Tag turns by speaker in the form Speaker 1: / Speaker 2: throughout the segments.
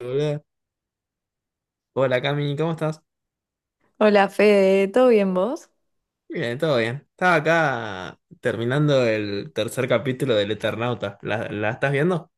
Speaker 1: Hola. Hola, Cami, ¿cómo estás?
Speaker 2: Hola Fede, ¿todo bien vos?
Speaker 1: Bien, todo bien. Estaba acá terminando el tercer capítulo del Eternauta. ¿La estás viendo?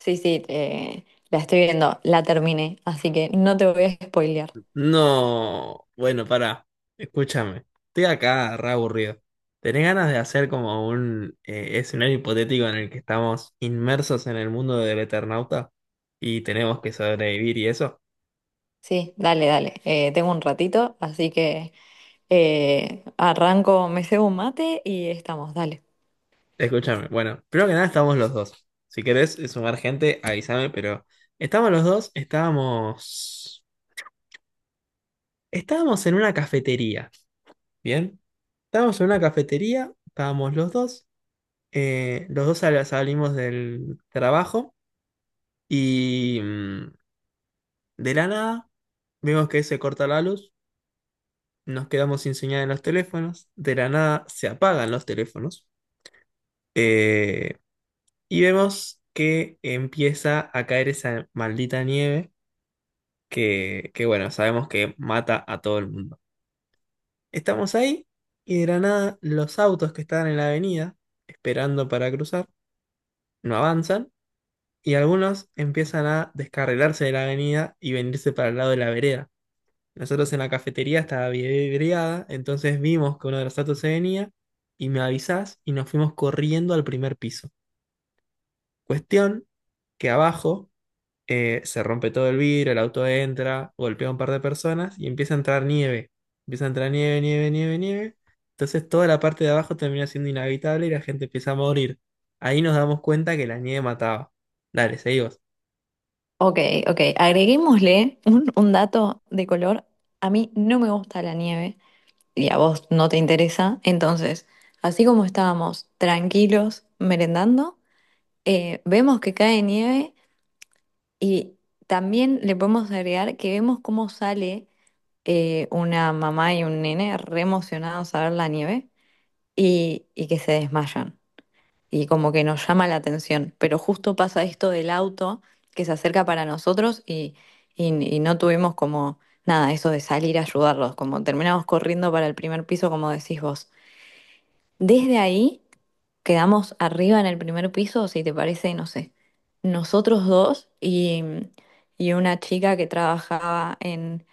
Speaker 2: Sí, sí, la estoy viendo, la terminé, así que no te voy a spoilear.
Speaker 1: No, bueno, pará. Escúchame. Estoy acá re aburrido. ¿Tenés ganas de hacer como un escenario hipotético en el que estamos inmersos en el mundo del Eternauta y tenemos que sobrevivir y eso?
Speaker 2: Sí, dale, dale. Tengo un ratito, así que arranco, me cebo un mate y estamos, dale.
Speaker 1: Escúchame. Bueno, primero que nada estamos los dos. Si querés sumar gente, avísame, pero estamos los dos, estábamos. Estábamos en una cafetería, ¿bien? Estábamos en una cafetería, estábamos los dos salimos del trabajo y de la nada vemos que se corta la luz, nos quedamos sin señal en los teléfonos, de la nada se apagan los teléfonos eh, y vemos que empieza a caer esa maldita nieve que bueno, sabemos que mata a todo el mundo. Estamos ahí y de la nada los autos que estaban en la avenida, esperando para cruzar, no avanzan y algunos empiezan a descarrilarse de la avenida y venirse para el lado de la vereda. Nosotros en la cafetería estaba vidriada, entonces vimos que uno de los autos se venía y me avisás y nos fuimos corriendo al primer piso. Cuestión que abajo se rompe todo el vidrio, el auto entra, golpea a un par de personas y empieza a entrar nieve. Empieza a entrar nieve, nieve, nieve, nieve. Entonces toda la parte de abajo termina siendo inhabitable y la gente empieza a morir. Ahí nos damos cuenta que la nieve mataba. Dale, seguimos.
Speaker 2: Ok, ok. Agreguémosle un dato de color. A mí no me gusta la nieve y a vos no te interesa. Entonces, así como estábamos tranquilos merendando, vemos que cae nieve. Y también le podemos agregar que vemos cómo sale una mamá y un nene re emocionados a ver la nieve y que se desmayan. Y como que nos llama la atención. Pero justo pasa esto del auto que se acerca para nosotros y no tuvimos como nada, eso de salir a ayudarlos, como terminamos corriendo para el primer piso, como decís vos. Desde ahí quedamos arriba en el primer piso, si te parece, no sé, nosotros dos y una chica que trabajaba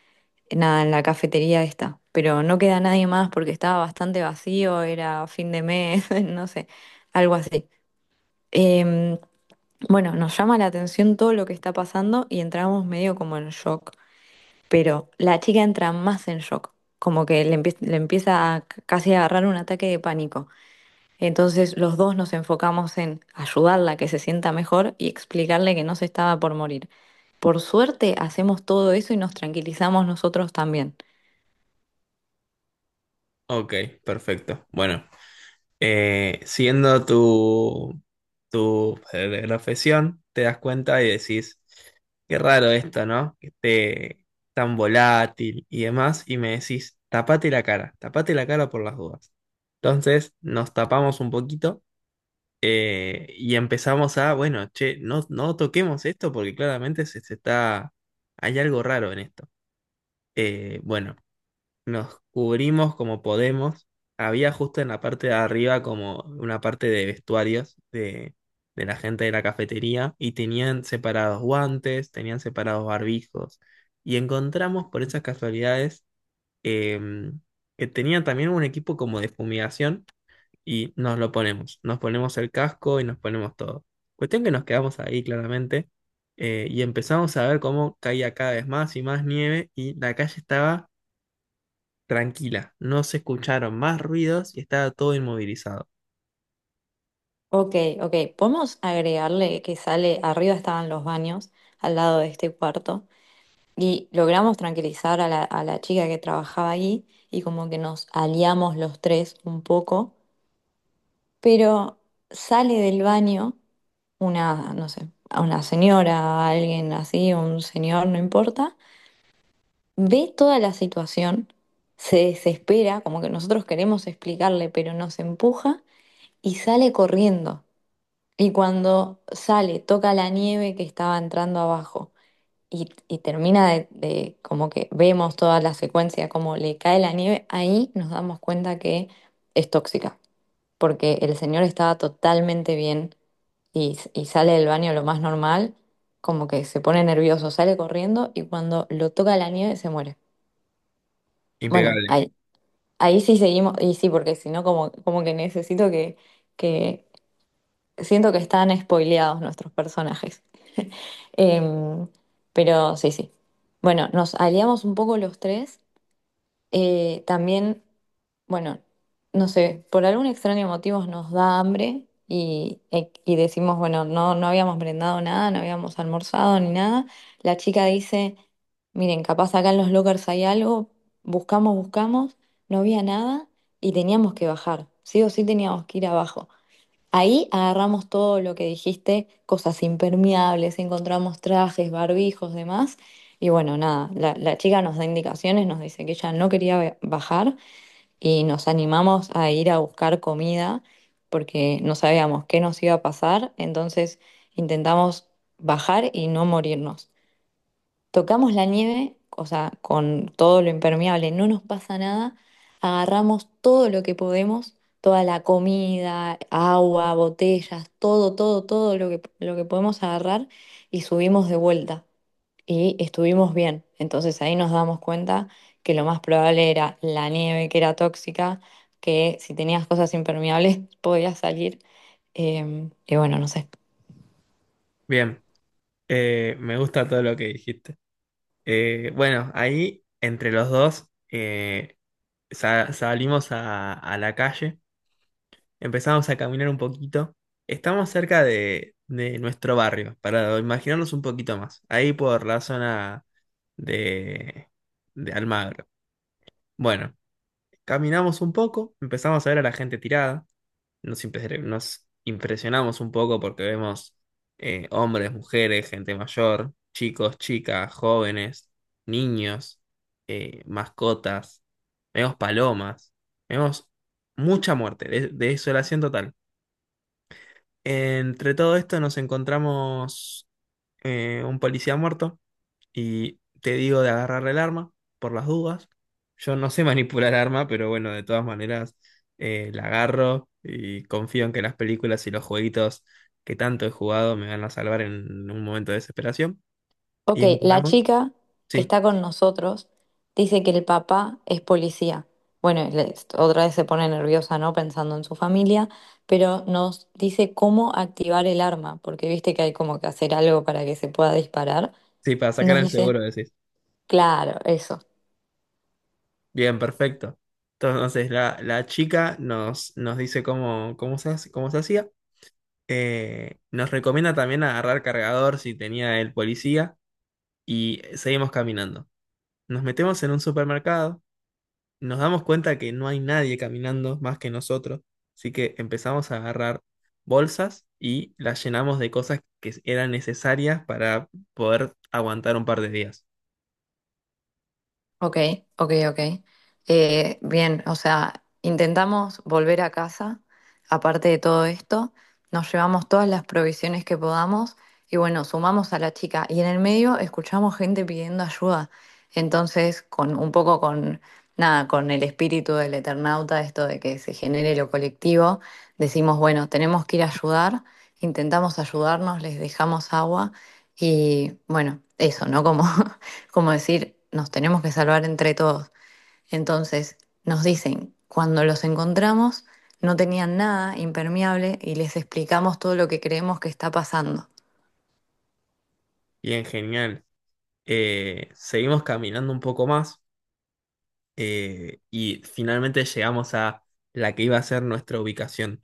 Speaker 2: en nada, en la cafetería esta. Pero no queda nadie más porque estaba bastante vacío, era fin de mes, no sé, algo así. Em, bueno, nos llama la atención todo lo que está pasando y entramos medio como en shock. Pero la chica entra más en shock, como que le, empie- le empieza a casi a agarrar un ataque de pánico. Entonces los dos nos enfocamos en ayudarla a que se sienta mejor y explicarle que no se estaba por morir. Por suerte hacemos todo eso y nos tranquilizamos nosotros también.
Speaker 1: Ok, perfecto. Bueno. Siendo tu profesión, te das cuenta y decís, qué raro esto, ¿no? Que esté tan volátil y demás, y me decís, tapate la cara por las dudas. Entonces nos tapamos un poquito y empezamos a, bueno, che, no, no toquemos esto porque claramente se está, hay algo raro en esto. Bueno. Nos cubrimos como podemos. Había justo en la parte de arriba como una parte de vestuarios de la gente de la cafetería y tenían separados guantes, tenían separados barbijos. Y encontramos por esas casualidades em, que tenían también un equipo como de fumigación y nos lo ponemos. Nos ponemos el casco y nos ponemos todo. Cuestión que nos quedamos ahí claramente y empezamos a ver cómo caía cada vez más y más nieve y la calle estaba tranquila. No se escucharon más ruidos y estaba todo inmovilizado.
Speaker 2: Ok, ok, podemos agregarle que sale, arriba estaban los baños, al lado de este cuarto, y logramos tranquilizar a a la chica que trabajaba ahí y como que nos aliamos los tres un poco, pero sale del baño una, no sé, a una señora, a alguien así, un señor, no importa, ve toda la situación, se desespera, como que nosotros queremos explicarle, pero nos empuja y sale corriendo. Y cuando sale, toca la nieve que estaba entrando abajo y termina como que vemos toda la secuencia, como le cae la nieve, ahí nos damos cuenta que es tóxica, porque el señor estaba totalmente bien y sale del baño lo más normal, como que se pone nervioso, sale corriendo y cuando lo toca la nieve se muere. Bueno,
Speaker 1: Impecable.
Speaker 2: ahí, ahí sí seguimos, y sí, porque si no, como, como que necesito que siento que están spoileados nuestros personajes. Em, pero sí, sí. Bueno, nos aliamos un poco los tres también, bueno, no sé, por algún extraño motivo nos da hambre y decimos, bueno, no, no habíamos brindado nada, no habíamos almorzado ni nada. La chica dice, miren, capaz acá en los lockers hay algo, buscamos, buscamos, no había nada y teníamos que bajar, sí o sí teníamos que ir abajo. Ahí agarramos todo lo que dijiste, cosas impermeables, encontramos trajes, barbijos, demás. Y bueno, nada, la chica nos da indicaciones, nos dice que ella no quería bajar y nos animamos a ir a buscar comida porque no sabíamos qué nos iba a pasar. Entonces intentamos bajar y no morirnos. Tocamos la nieve, o sea, con todo lo impermeable, no nos pasa nada. Agarramos todo lo que podemos, toda la comida, agua, botellas, todo, todo, todo lo que podemos agarrar y subimos de vuelta. Y estuvimos bien. Entonces ahí nos damos cuenta que lo más probable era la nieve que era tóxica, que si tenías cosas impermeables podías salir. Y bueno, no sé.
Speaker 1: Bien, me gusta todo lo que dijiste. Bueno, ahí entre los dos salimos a, la calle, empezamos a caminar un poquito. Estamos cerca de nuestro barrio, para imaginarnos un poquito más, ahí por la zona de, de Almagro. Bueno, caminamos un poco, empezamos a ver a la gente tirada. Nos impresionamos un poco porque vemos hombres, mujeres, gente mayor, chicos, chicas, jóvenes, niños, mascotas, vemos palomas, vemos mucha muerte, desolación total. Entre todo esto nos encontramos un policía muerto y te digo de agarrar el arma por las dudas. Yo no sé manipular arma, pero bueno, de todas maneras la agarro y confío en que las películas y los jueguitos que tanto he jugado me van a salvar en un momento de desesperación. ¿Y
Speaker 2: Ok, la
Speaker 1: encaramos?
Speaker 2: chica que
Speaker 1: Sí,
Speaker 2: está con nosotros dice que el papá es policía. Bueno, otra vez se pone nerviosa, ¿no? Pensando en su familia, pero nos dice cómo activar el arma, porque viste que hay como que hacer algo para que se pueda disparar.
Speaker 1: sí, para sacar
Speaker 2: Nos
Speaker 1: el
Speaker 2: dice,
Speaker 1: seguro, decís.
Speaker 2: claro, eso.
Speaker 1: Bien, perfecto. Entonces la chica nos dice cómo se hacía. Nos recomienda también agarrar cargador si tenía el policía y seguimos caminando. Nos metemos en un supermercado, nos damos cuenta que no hay nadie caminando más que nosotros, así que empezamos a agarrar bolsas y las llenamos de cosas que eran necesarias para poder aguantar un par de días.
Speaker 2: Ok, ok, ok. Bien, o sea, intentamos volver a casa, aparte de todo esto, nos llevamos todas las provisiones que podamos y bueno, sumamos a la chica y en el medio escuchamos gente pidiendo ayuda. Entonces, con un poco con nada, con el espíritu del Eternauta, esto de que se genere lo colectivo, decimos, bueno, tenemos que ir a ayudar, intentamos ayudarnos, les dejamos agua y bueno, eso, ¿no? Como como decir, nos tenemos que salvar entre todos. Entonces, nos dicen, cuando los encontramos, no tenían nada impermeable y les explicamos todo lo que creemos que está pasando.
Speaker 1: Bien, genial. Seguimos caminando un poco más y finalmente llegamos a la que iba a ser nuestra ubicación.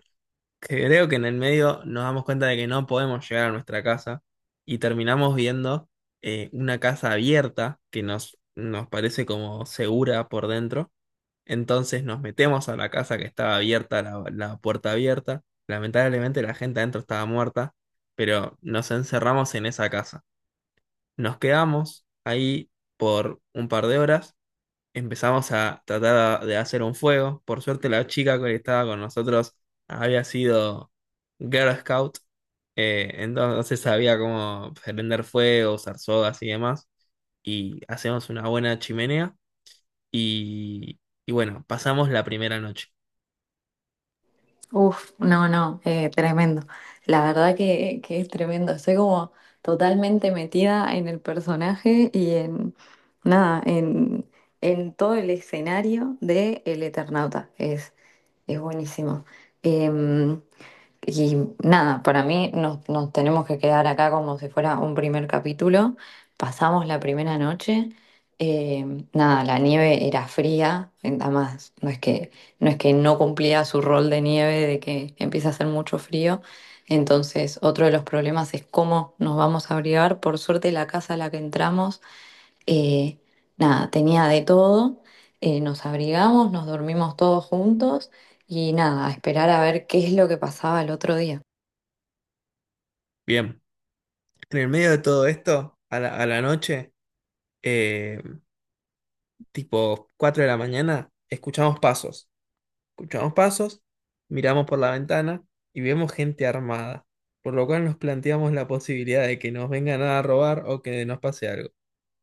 Speaker 1: Creo que en el medio nos damos cuenta de que no podemos llegar a nuestra casa y terminamos viendo una casa abierta que nos parece como segura por dentro. Entonces nos metemos a la casa que estaba abierta, la puerta abierta. Lamentablemente la gente adentro estaba muerta, pero nos encerramos en esa casa. Nos quedamos ahí por un par de horas. Empezamos a tratar de hacer un fuego. Por suerte la chica que estaba con nosotros había sido Girl Scout, entonces sabía cómo prender fuego, usar sogas y demás. Y hacemos una buena chimenea y, y bueno, pasamos la primera noche.
Speaker 2: Uf, no, no, tremendo. La verdad que es tremendo. Estoy como totalmente metida en el personaje y en nada, en todo el escenario de El Eternauta. Es buenísimo. Em, Y nada, para mí nos tenemos que quedar acá como si fuera un primer capítulo. Pasamos la primera noche. Eh, nada, la nieve era fría. Además, no es que, no es que no cumplía su rol de nieve, de que empieza a hacer mucho frío. Entonces, otro de los problemas es cómo nos vamos a abrigar. Por suerte, la casa a la que entramos, eh, nada, tenía de todo, nos abrigamos, nos dormimos todos juntos y nada, a esperar a ver qué es lo que pasaba el otro día.
Speaker 1: Bien, en el medio de todo esto, a la noche, eh, tipo 4 de la mañana, escuchamos pasos. Escuchamos pasos, miramos por la ventana y vemos gente armada, por lo cual nos planteamos la posibilidad de que nos vengan a robar o que nos pase algo.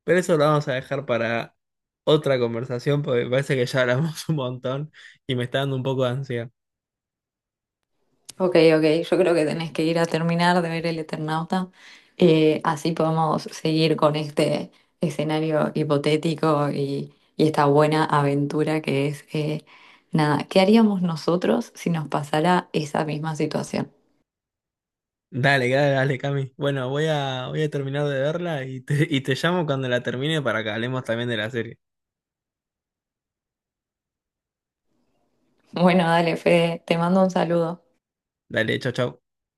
Speaker 1: Pero eso lo vamos a dejar para otra conversación porque me parece que ya hablamos un montón y me está dando un poco de ansiedad.
Speaker 2: Ok, ok, yo creo que tenés que ir a terminar de ver El Eternauta, así podemos seguir con este escenario hipotético y esta buena aventura que es, nada, ¿qué haríamos nosotros si nos pasara esa misma situación?
Speaker 1: Dale, dale, dale, Cami. Bueno, voy a terminar de verla y y te llamo cuando la termine para que hablemos también de la serie.
Speaker 2: Bueno, dale, Fede, te mando un saludo.
Speaker 1: Dale, chau, chau.